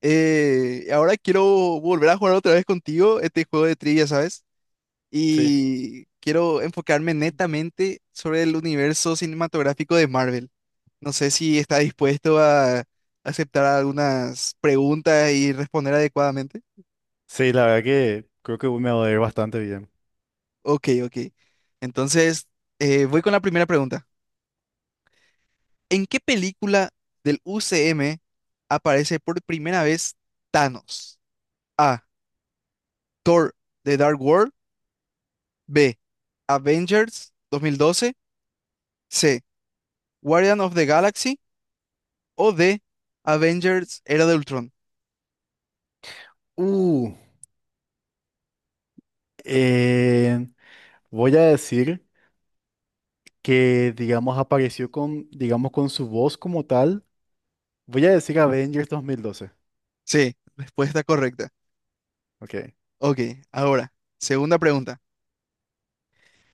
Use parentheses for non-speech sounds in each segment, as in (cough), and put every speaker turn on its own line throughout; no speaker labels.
Ahora quiero volver a jugar otra vez contigo este juego de trivia, ¿sabes?
Sí,
Y quiero enfocarme netamente sobre el universo cinematográfico de Marvel. No sé si está dispuesto a aceptar algunas preguntas y responder adecuadamente.
sí, la verdad que creo que me va a ir bastante bien.
Ok, ok. Entonces, voy con la primera pregunta. ¿En qué película del UCM aparece por primera vez Thanos? A. Thor, The Dark World. B. Avengers 2012. C. Guardian of the Galaxy. O D. Avengers Era de Ultron.
Uh, eh, Voy a decir que, digamos, apareció con, digamos, con su voz como tal. Voy a decir Avengers 2012.
Sí. Respuesta correcta.
Ok.
Ok, ahora, segunda pregunta.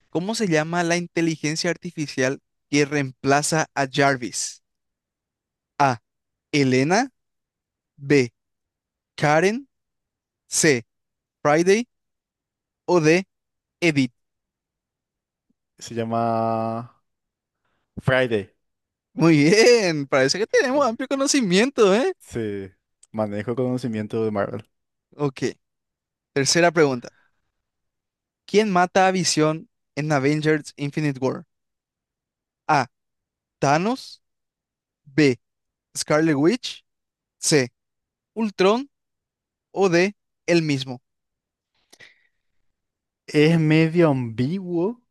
¿Cómo se llama la inteligencia artificial que reemplaza a Jarvis? A. Elena. B. Karen. C. Friday. O D. Edith.
Se llama Friday.
Muy bien, parece que tenemos
Ok.
amplio conocimiento, ¿eh?
Sí, manejo el conocimiento de Marvel.
Ok, tercera pregunta. ¿Quién mata a Visión en Avengers Infinite War? A. Thanos, B, Scarlet Witch, C, Ultron o D, el mismo.
Es medio ambiguo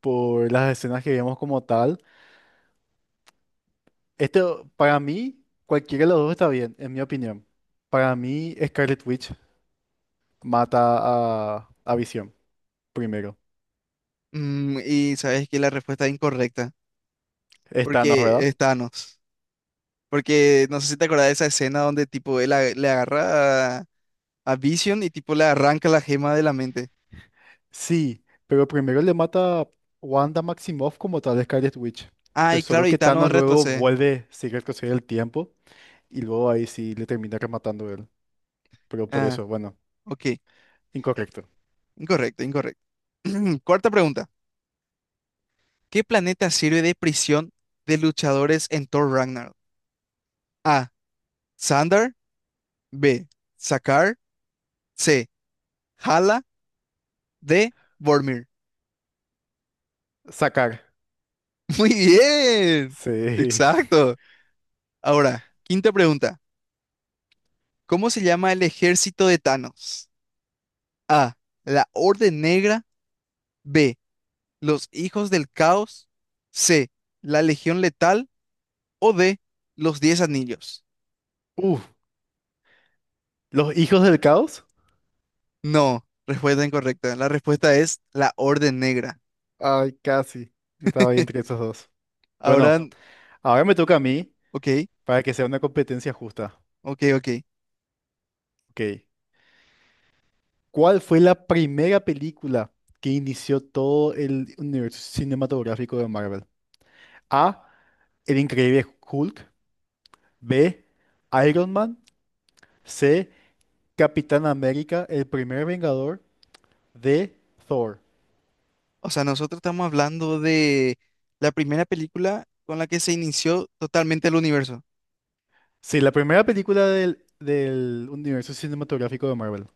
por las escenas que vemos como tal. Este, para mí, cualquiera de los dos está bien, en mi opinión. Para mí, Scarlet Witch mata a Visión primero.
Mm, y sabes que la respuesta es incorrecta,
Es Thanos,
porque
¿verdad?
es Thanos. Porque no sé si te acordás de esa escena donde tipo le agarra a Vision y tipo le arranca la gema de la mente.
Sí, pero primero le mata a Wanda Maximoff como tal de Scarlet Witch.
Ah,
Pero
y claro,
solo
y
que
Thanos
Thanos luego
retrocede.
vuelve, sigue el retroceder el tiempo y luego ahí sí le termina rematando él. Pero por
Ah,
eso, bueno,
ok.
incorrecto.
Incorrecto, incorrecto. (clears throat) Cuarta pregunta. ¿Qué planeta sirve de prisión de luchadores en Thor Ragnarok? A. Sandar. B. Sakaar. C. Hala de Vormir.
Sacar.
(laughs) Muy bien.
Sí. (laughs)
Exacto. Ahora, quinta pregunta. ¿Cómo se llama el ejército de Thanos? A. La Orden Negra. B. Los Hijos del Caos. C. La Legión Letal. O D. Los Diez Anillos.
Uh, ¿Los hijos del caos?
No, respuesta incorrecta. La respuesta es la Orden Negra.
Ay, casi. Estaba ahí entre
(laughs)
esos dos.
Ahora,
Bueno, ahora me toca a mí
ok,
para que sea una competencia justa.
ok, ok.
Ok. ¿Cuál fue la primera película que inició todo el universo cinematográfico de Marvel? A. El increíble Hulk. B. Iron Man. C. Capitán América, el primer Vengador. D. Thor.
O sea, nosotros estamos hablando de la primera película con la que se inició totalmente el universo.
Sí, la primera película del universo cinematográfico de Marvel.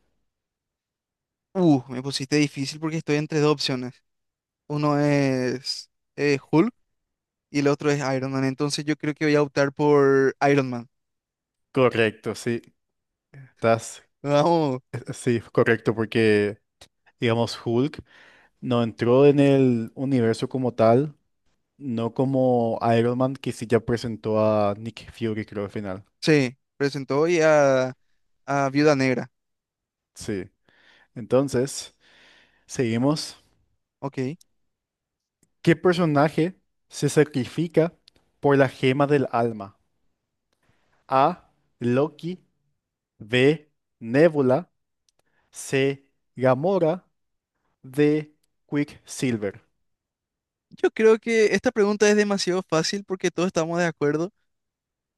Me pusiste difícil porque estoy entre dos opciones. Uno es Hulk y el otro es Iron Man. Entonces yo creo que voy a optar por Iron Man.
Correcto, sí. Estás,
(laughs) Vamos.
sí, correcto, porque, digamos, Hulk no entró en el universo como tal. No como Iron Man, que sí ya presentó a Nick Fury, creo, al final.
Sí, presentó hoy a Viuda Negra.
Sí. Entonces, seguimos.
Ok.
¿Qué personaje se sacrifica por la gema del alma? A. Loki. B. Nebula. C. Gamora. D. Quicksilver.
Yo creo que esta pregunta es demasiado fácil porque todos estamos de acuerdo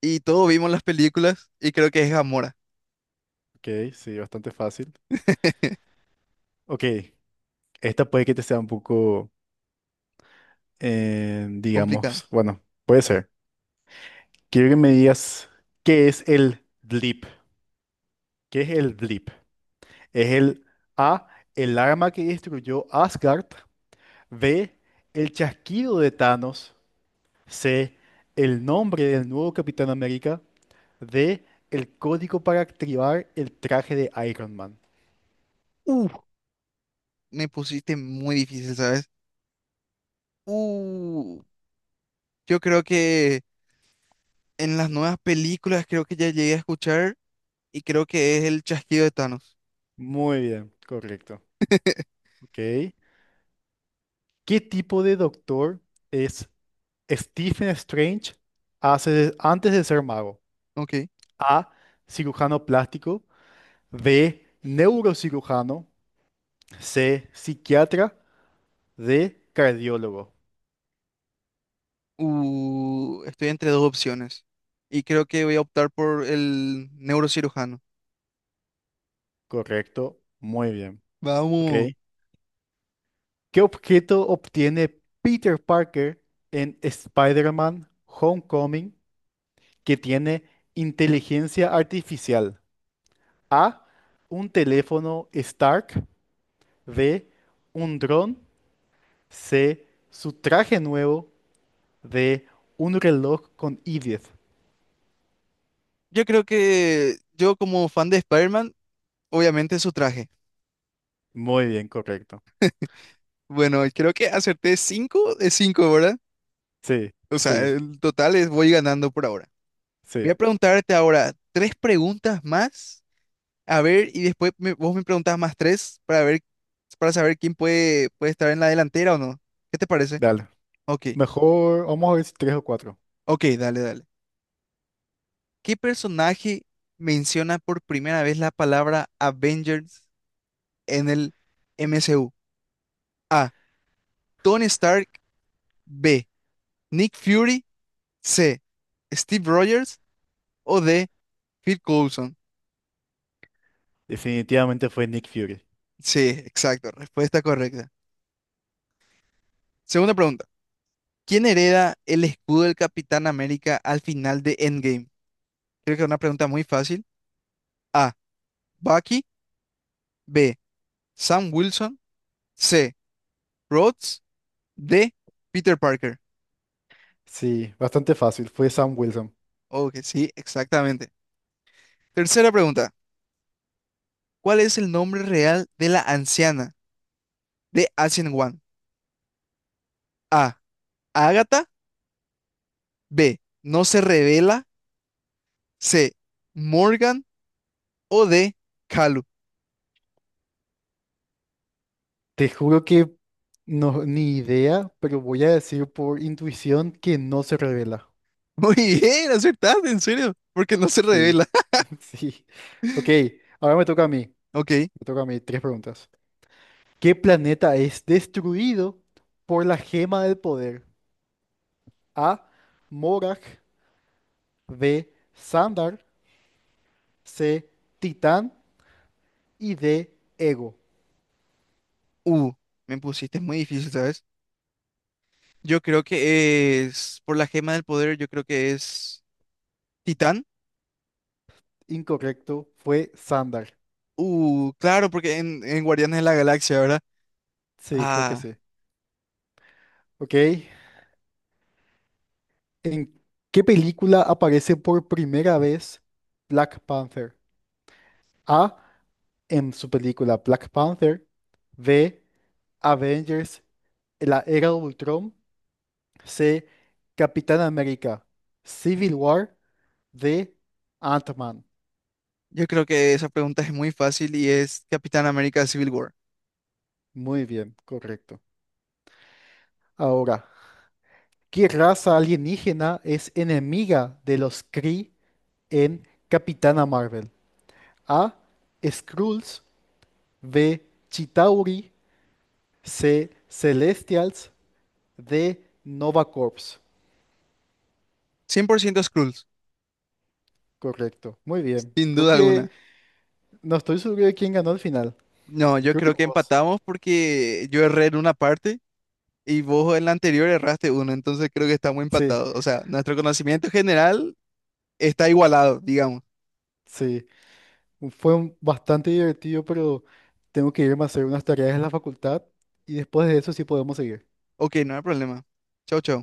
y todos vimos las películas y creo que es Gamora.
Ok, sí, bastante fácil. Ok, esta puede que te sea un poco,
Complicada.
digamos, bueno, puede ser. Quiero que me digas qué es el blip. ¿Qué es el blip? Es el A, el arma que destruyó Asgard. B, el chasquido de Thanos. C, el nombre del nuevo Capitán América. D, el código para activar el traje de Iron Man.
Uh, Me pusiste muy difícil, ¿sabes? Uh, yo creo que en las nuevas películas creo que ya llegué a escuchar. Y creo que es el chasquido de Thanos.
Muy bien, correcto. Ok. ¿Qué tipo de doctor es Stephen Strange antes de ser mago?
Ok.
A, cirujano plástico. B, neurocirujano. C, psiquiatra. D, cardiólogo.
Estoy entre dos opciones y creo que voy a optar por el neurocirujano.
Correcto, muy bien. Ok.
Vamos.
¿Qué objeto obtiene Peter Parker en Spider-Man Homecoming que tiene inteligencia artificial? A. Un teléfono Stark. B. Un dron. C. Su traje nuevo. D. Un reloj con I-10.
Yo creo que yo como fan de Spider-Man, obviamente su traje.
Muy bien, correcto.
Bueno, creo que acerté 5 de 5, ¿verdad?
Sí,
O sea,
sí,
el total es voy ganando por ahora. Voy
sí.
a preguntarte ahora tres preguntas más, a ver, y después vos me preguntás más tres para ver, para saber quién puede estar en la delantera o no. ¿Qué te parece?
Dale.
Ok.
Mejor, vamos a ver si tres o cuatro.
Ok, dale, dale. ¿Qué personaje menciona por primera vez la palabra Avengers en el MCU? A. Tony Stark. B. Nick Fury. C. Steve Rogers. O D. Phil Coulson.
Definitivamente fue Nick Fury.
Sí, exacto. Respuesta correcta. Segunda pregunta. ¿Quién hereda el escudo del Capitán América al final de Endgame? Creo que es una pregunta muy fácil. A. Bucky. B. Sam Wilson. C. Rhodes. D. Peter Parker.
Sí, bastante fácil. Fue Sam Wilson.
Ok, sí, exactamente. Tercera pregunta. ¿Cuál es el nombre real de la anciana de Ancient One? A. Agatha. B. No se revela. C. Morgan. O D. Kalu.
Te juro que no, ni idea, pero voy a decir por intuición que no se revela.
(laughs) Muy bien, acertaste, en serio. Porque no se
Sí,
revela. (laughs)
(laughs) sí. Ok, ahora me toca a mí.
Ok.
Me toca a mí tres preguntas. ¿Qué planeta es destruido por la gema del poder? A. Morag. B. Sandar. C. Titán. Y D. Ego.
Uh, Me pusiste muy difícil, ¿sabes? Yo creo que es, por la gema del poder, yo creo que es Titán.
Incorrecto, fue Sandar.
Claro, porque en Guardianes de la Galaxia, ¿verdad?
Sí, creo que
Ah.
sí. Ok, ¿en qué película aparece por primera vez Black Panther? A. En su película Black Panther. B. Avengers, la era de Ultron. C. Capitán América, Civil War. D. Ant-Man.
Yo creo que esa pregunta es muy fácil y es Capitán América Civil War.
Muy bien, correcto. Ahora, ¿qué raza alienígena es enemiga de los Kree en Capitana Marvel? A. Skrulls. B. Chitauri. C. Celestials. De NovaCorps.
100% Skrulls,
Correcto. Muy bien.
sin
Creo
duda
que
alguna.
no estoy seguro de quién ganó al final.
No, yo
Creo que
creo que
vos.
empatamos porque yo erré en una parte y vos en la anterior erraste uno, entonces creo que estamos
Sí,
empatados. O sea, nuestro conocimiento general está igualado, digamos.
sí. Bastante divertido, pero tengo que irme a hacer unas tareas en la facultad y después de eso sí podemos seguir.
Ok, no hay problema. Chau, chau.